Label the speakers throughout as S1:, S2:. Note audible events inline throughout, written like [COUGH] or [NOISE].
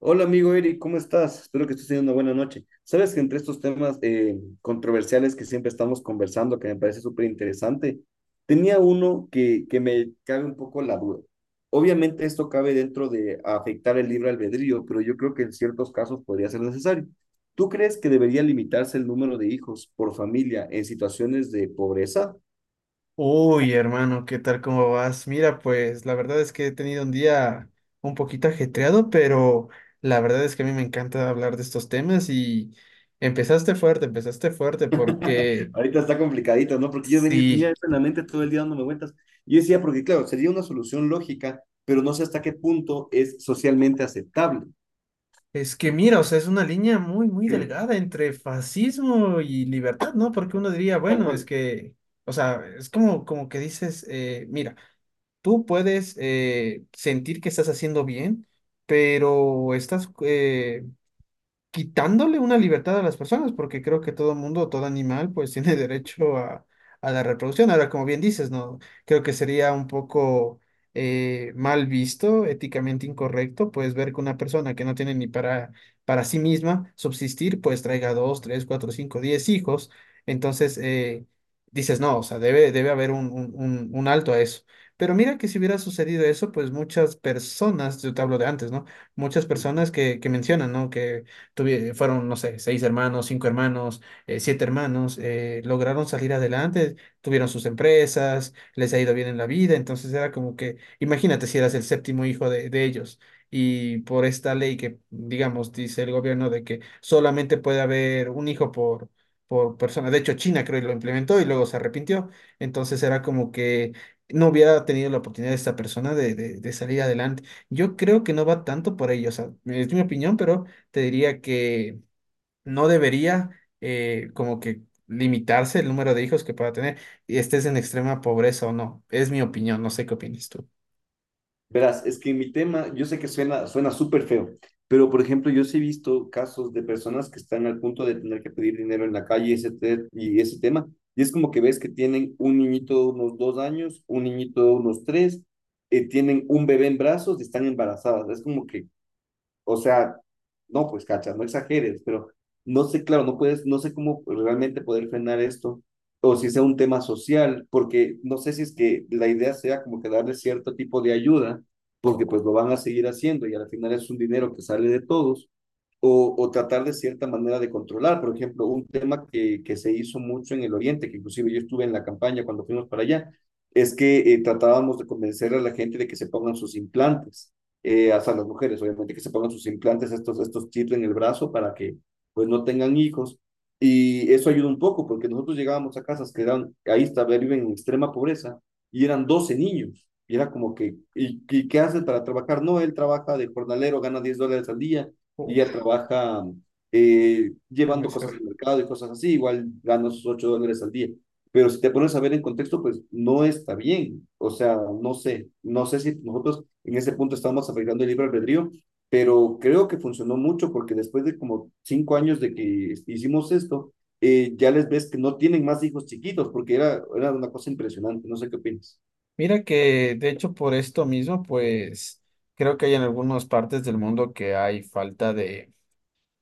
S1: Hola amigo Eric, ¿cómo estás? Espero que estés teniendo una buena noche. Sabes que entre estos temas controversiales que siempre estamos conversando, que me parece súper interesante, tenía uno que me cabe un poco la duda. Obviamente esto cabe dentro de afectar el libre albedrío, pero yo creo que en ciertos casos podría ser necesario. ¿Tú crees que debería limitarse el número de hijos por familia en situaciones de pobreza?
S2: Uy, hermano, ¿qué tal? ¿Cómo vas? Mira, pues la verdad es que he tenido un día un poquito ajetreado, pero la verdad es que a mí me encanta hablar de estos temas y empezaste fuerte
S1: [LAUGHS]
S2: porque
S1: Ahorita está complicadito, ¿no? Porque yo venía, tenía
S2: sí,
S1: eso en la mente todo el día dándome vueltas. Yo decía, porque claro, sería una solución lógica, pero no sé hasta qué punto es socialmente aceptable.
S2: es que mira, o sea, es una línea muy, muy delgada entre fascismo y libertad, ¿no? Porque uno diría,
S1: Tal
S2: bueno, es
S1: cual.
S2: que, o sea, es como, como que dices, mira, tú puedes sentir que estás haciendo bien, pero estás quitándole una libertad a las personas, porque creo que todo mundo, todo animal, pues [LAUGHS] tiene derecho a la reproducción. Ahora, como bien dices, no, creo que sería un poco mal visto, éticamente incorrecto, pues ver que una persona que no tiene ni para, para sí misma subsistir, pues traiga dos, tres, cuatro, cinco, diez hijos. Entonces, dices, no, o sea, debe haber un alto a eso. Pero mira que si hubiera sucedido eso, pues muchas personas, yo te hablo de antes, ¿no? Muchas
S1: Ujú.
S2: personas que mencionan, ¿no? Que fueron, no sé, seis hermanos, cinco hermanos, siete hermanos, lograron salir adelante, tuvieron sus empresas, les ha ido bien en la vida, entonces era como que, imagínate si eras el séptimo hijo de ellos. Y por esta ley que, digamos, dice el gobierno de que solamente puede haber un hijo por persona. De hecho, China creo que lo implementó y luego se arrepintió. Entonces era como que no hubiera tenido la oportunidad de esta persona de salir adelante. Yo creo que no va tanto por ello, o sea, es mi opinión, pero te diría que no debería como que limitarse el número de hijos que pueda tener y estés en extrema pobreza o no. Es mi opinión, no sé qué opinas tú.
S1: Verás, es que mi tema, yo sé que suena súper feo, pero por ejemplo, yo sí he visto casos de personas que están al punto de tener que pedir dinero en la calle y ese, y ese tema. Y es como que ves que tienen un niñito de unos 2 años, un niñito de unos tres, tienen un bebé en brazos y están embarazadas. Es como que, o sea, no, pues cacha, no exageres, pero no sé, claro, no puedes, no sé cómo realmente poder frenar esto, o si sea un tema social, porque no sé si es que la idea sea como que darle cierto tipo de ayuda, porque pues lo van a seguir haciendo y al final es un dinero que sale de todos, o tratar de cierta manera de controlar, por ejemplo, un tema que se hizo mucho en el Oriente, que inclusive yo estuve en la campaña cuando fuimos para allá, es que tratábamos de convencer a la gente de que se pongan sus implantes hasta las mujeres, obviamente, que se pongan sus implantes, estos chips en el brazo para que pues no tengan hijos. Y eso ayuda un poco, porque nosotros llegábamos a casas que eran, ahí está, viven en extrema pobreza, y eran 12 niños. Y era como que, ¿y qué hace para trabajar? No, él trabaja de jornalero, gana $10 al día, y ella
S2: Uf,
S1: trabaja
S2: déjame
S1: llevando cosas al
S2: ver.
S1: mercado y cosas así, igual gana sus $8 al día. Pero si te pones a ver en contexto, pues no está bien. O sea, no sé, no sé si nosotros en ese punto estamos afectando el libre albedrío, pero creo que funcionó mucho porque después de como 5 años de que hicimos esto, ya les ves que no tienen más hijos chiquitos porque era, era una cosa impresionante. No sé qué opinas.
S2: Mira que de hecho por esto mismo, pues creo que hay en algunas partes del mundo que hay falta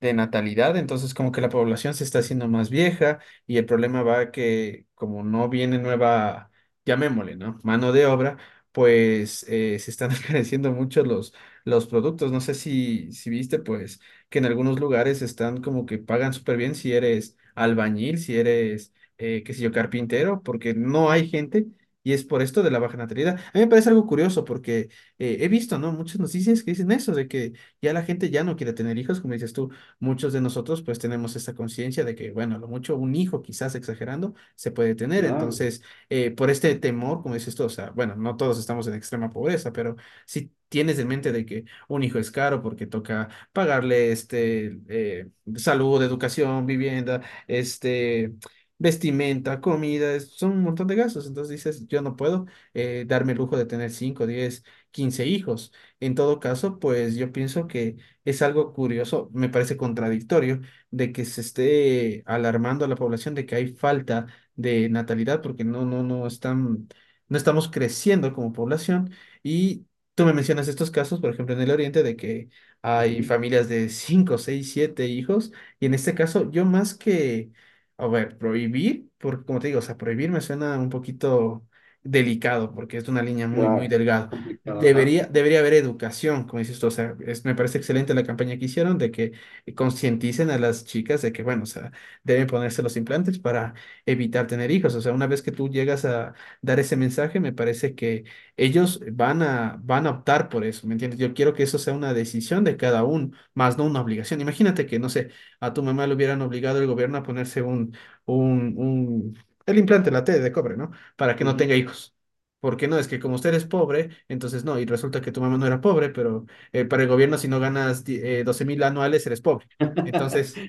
S2: de natalidad, entonces como que la población se está haciendo más vieja y el problema va que como no viene nueva, llamémosle, ¿no? Mano de obra, pues se están [LAUGHS] encareciendo mucho los productos. No sé si, si viste, pues, que en algunos lugares están como que pagan súper bien si eres albañil, si eres, qué sé yo, carpintero, porque no hay gente. Y es por esto de la baja natalidad. A mí me parece algo curioso porque he visto, ¿no? Muchas noticias que dicen eso, de que ya la gente ya no quiere tener hijos, como dices tú. Muchos de nosotros pues tenemos esta conciencia de que, bueno, a lo mucho un hijo, quizás exagerando, se puede tener.
S1: Claro,
S2: Entonces, por este temor, como dices tú, o sea, bueno, no todos estamos en extrema pobreza, pero si tienes en mente de que un hijo es caro porque toca pagarle este, salud, educación, vivienda, este... vestimenta, comida, son un montón de gastos. Entonces dices, yo no puedo darme el lujo de tener 5 10 15 hijos. En todo caso, pues yo pienso que es algo curioso, me parece contradictorio, de que se esté alarmando a la población de que hay falta de natalidad porque no están, no estamos creciendo como población. Y tú me mencionas estos casos, por ejemplo, en el Oriente, de que hay
S1: ujú,
S2: familias de [LAUGHS] 5 6 7 hijos. Y en este caso, yo más que, a ver, prohibir, porque como te digo, o sea, prohibir me suena un poquito delicado porque es una línea muy, muy
S1: claro,
S2: delgada.
S1: complicado, ajá.
S2: Debería haber educación, como dices tú, o sea, me parece excelente la campaña que hicieron de que concienticen a las chicas de que, bueno, o sea, deben ponerse los implantes para evitar tener hijos, o sea, una vez que tú llegas a dar ese mensaje, me parece que ellos van a, van a optar por eso, ¿me entiendes? Yo quiero que eso sea una decisión de cada uno, más no una obligación. Imagínate que, no sé, a tu mamá le hubieran obligado el gobierno a ponerse un, un, el implante, la T de cobre, ¿no? Para que no
S1: Ujú.
S2: tenga hijos. Porque no, es que como usted es pobre, entonces no, y resulta que tu mamá no era pobre, pero para el gobierno si no ganas 12 mil anuales eres pobre.
S1: [LAUGHS]
S2: Entonces,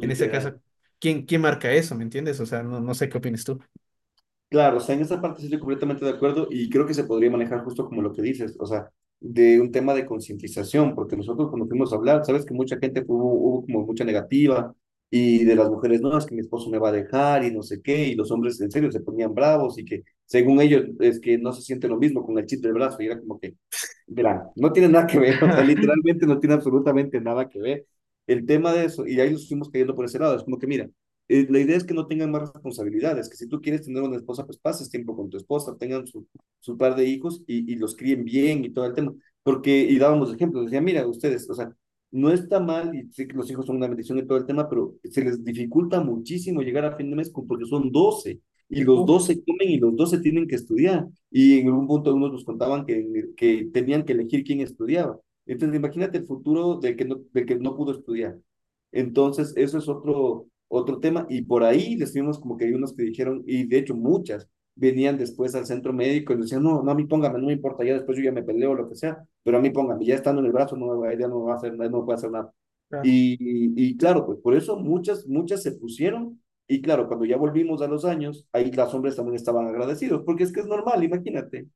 S2: en ese caso, ¿quién, quién marca eso? ¿Me entiendes? O sea, no, no sé qué opinas tú.
S1: Claro, o sea, en esa parte sí estoy completamente de acuerdo y creo que se podría manejar justo como lo que dices, o sea, de un tema de concientización, porque nosotros cuando fuimos a hablar, sabes que mucha gente hubo como mucha negativa y de las mujeres, no, es que mi esposo me va a dejar y no sé qué, y los hombres en serio se ponían bravos y que según ellos es que no se siente lo mismo con el chip del brazo y era como que mira, no tiene nada que ver, [LAUGHS] o sea,
S2: [LAUGHS]
S1: literalmente no tiene absolutamente nada que ver el tema de eso, y ahí nos fuimos cayendo por ese lado, es como que mira, la idea es que no tengan más responsabilidades, que si tú quieres tener una esposa, pues pases tiempo con tu esposa, tengan su, su par de hijos y los críen bien y todo el tema, porque, y dábamos ejemplos, decía, mira, ustedes, o sea, no está mal, y sé que los hijos son una bendición y todo el tema, pero se les dificulta muchísimo llegar a fin de mes con- porque son 12 y los 12 comen y los 12 tienen que estudiar y en algún punto unos nos contaban que tenían que elegir quién estudiaba. Entonces, imagínate el futuro del que no pudo estudiar. Entonces, eso es otro tema y por ahí decidimos como que hay unos que dijeron, y de hecho muchas, venían después al centro médico y decían, no, no, a mí póngame, no me importa, ya después yo ya me peleo o lo que sea, pero a mí póngame, ya estando en el brazo no, ya no va a hacer, no puede hacer nada. Claro, pues por eso muchas, muchas se pusieron y claro, cuando ya volvimos a los años, ahí las hombres también estaban agradecidos, porque es que es normal, imagínate.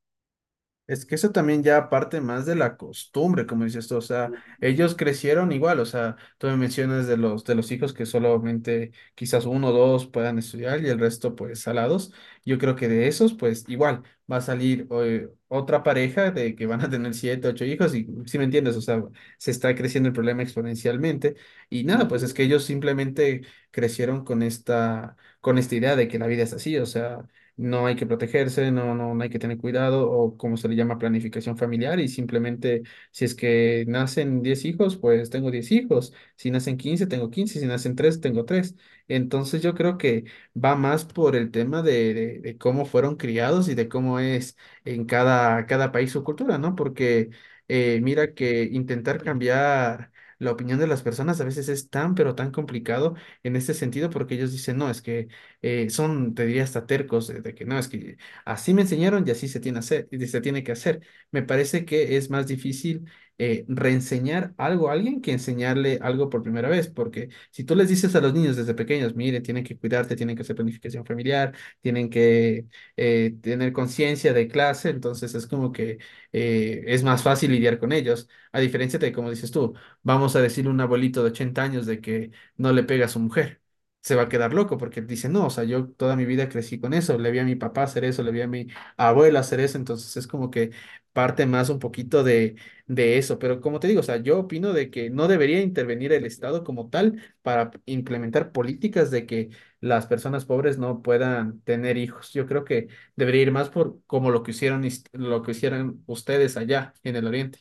S2: Es que eso también ya parte más de la costumbre, como dices tú, o sea, ellos crecieron igual, o sea, tú me mencionas de los hijos que solamente quizás uno o dos puedan estudiar y el resto pues salados, yo creo que de esos pues igual va a salir otra pareja de que van a tener siete, ocho hijos y si me entiendes, o sea, se está creciendo el problema exponencialmente y nada, pues es
S1: Ujú.
S2: que ellos simplemente crecieron con esta idea de que la vida es así, o sea no hay que protegerse, no hay que tener cuidado, o como se le llama planificación familiar, y simplemente si es que nacen 10 hijos, pues tengo 10 hijos, si nacen 15 tengo 15 si nacen 3 tengo tres. Entonces yo creo que va más por el tema de, de cómo fueron criados y de cómo es en cada, cada país su cultura, ¿no? Porque mira que intentar cambiar la opinión de las personas a veces es tan, pero tan complicado en este sentido porque ellos dicen, no, es que son, te diría, hasta tercos de que no, es que así me enseñaron y así se tiene, hacer, y se tiene que hacer. Me parece que es más difícil reenseñar algo a alguien que enseñarle algo por primera vez, porque si tú les dices a los niños desde pequeños, mire, tienen que cuidarte, tienen que hacer planificación familiar, tienen que tener conciencia de clase, entonces es como que es más fácil lidiar con ellos, a diferencia de, como dices tú, vamos a decirle a un abuelito de 80 años de que no le pega a su mujer se va a quedar loco porque él dice, no, o sea, yo toda mi vida crecí con eso, le vi a mi papá hacer eso, le vi a mi abuela hacer eso, entonces es como que parte más un poquito de eso, pero como te digo, o sea, yo opino de que no debería intervenir el Estado como tal para implementar políticas de que las personas pobres no puedan tener hijos. Yo creo que debería ir más por como lo que hicieron, lo que hicieron ustedes allá en el Oriente.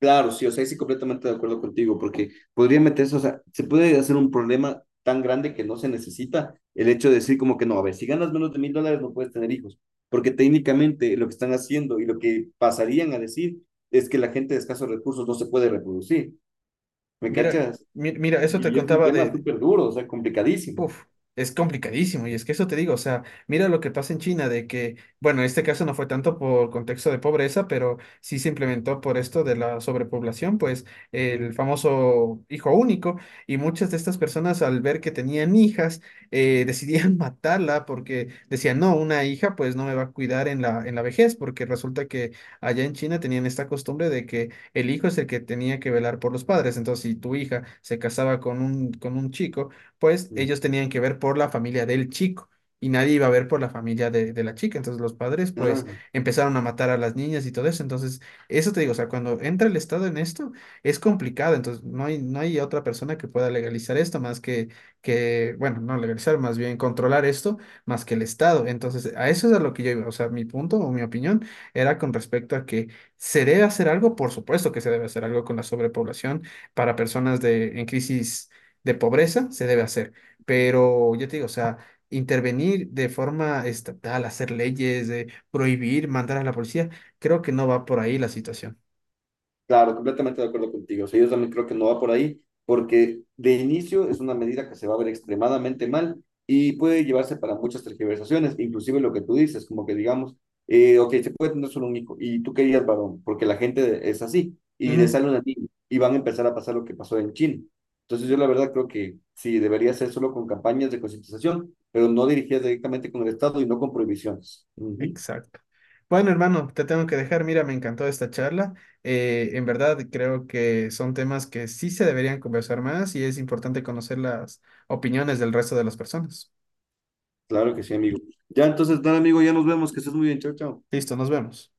S1: Claro, sí, o sea, ahí sí completamente de acuerdo contigo, porque podría meterse, o sea, se puede hacer un problema tan grande que no se necesita el hecho de decir como que no, a ver, si ganas menos de $1,000 no puedes tener hijos, porque técnicamente lo que están haciendo y lo que pasarían a decir es que la gente de escasos recursos no se puede reproducir, ¿me
S2: Mira,
S1: cachas?
S2: mira, eso te
S1: Y es un
S2: contaba
S1: tema
S2: de,
S1: súper duro, o sea, complicadísimo.
S2: Uf, es complicadísimo, y es que eso te digo, o sea, mira lo que pasa en China, de que, bueno, en este caso no fue tanto por contexto de pobreza, pero sí se implementó por esto de la sobrepoblación, pues el famoso hijo único, y muchas de estas personas al ver que tenían hijas, decidían [LAUGHS] matarla porque decían, no, una hija pues no me va a cuidar en la vejez, porque resulta que allá en China tenían esta costumbre de que el hijo es el que tenía que velar por los padres, entonces si tu hija se casaba con un chico, pues
S1: Ujú.
S2: ellos tenían que ver por la familia del chico y nadie iba a ver por la familia de la chica. Entonces los padres pues
S1: Claro.
S2: empezaron a matar a las niñas y todo eso. Entonces, eso te digo, o sea, cuando entra el Estado en esto, es complicado. Entonces, no hay, no hay otra persona que pueda legalizar esto más que, bueno, no legalizar, más bien controlar esto más que el Estado. Entonces, a eso es a lo que yo iba. O sea, mi punto o mi opinión era con respecto a que se debe hacer algo, por supuesto que se debe hacer algo con la sobrepoblación para personas de, en crisis de pobreza se debe hacer, pero yo te digo, o sea, intervenir de forma estatal, hacer leyes, de prohibir, mandar a la policía, creo que no va por ahí la situación.
S1: Claro, completamente de acuerdo contigo. O sea, yo también creo que no va por ahí, porque de inicio es una medida que se va a ver extremadamente mal y puede llevarse para muchas tergiversaciones, inclusive lo que tú dices, como que digamos, ok, se puede tener solo un hijo y tú querías varón, porque la gente es así y le
S2: Ujú,
S1: sale una niña y van a empezar a pasar lo que pasó en China. Entonces yo la verdad creo que sí, debería ser solo con campañas de concientización, pero no dirigidas directamente con el Estado y no con prohibiciones. Ujú.
S2: exacto. Bueno, hermano, te tengo que dejar. Mira, me encantó esta charla. En verdad, creo que son temas que sí se deberían conversar más y es importante conocer las opiniones del resto de las personas.
S1: Claro que sí, amigo. Ya entonces, nada, amigo, ya nos vemos, que estés muy bien, chao, chao.
S2: Listo, nos vemos.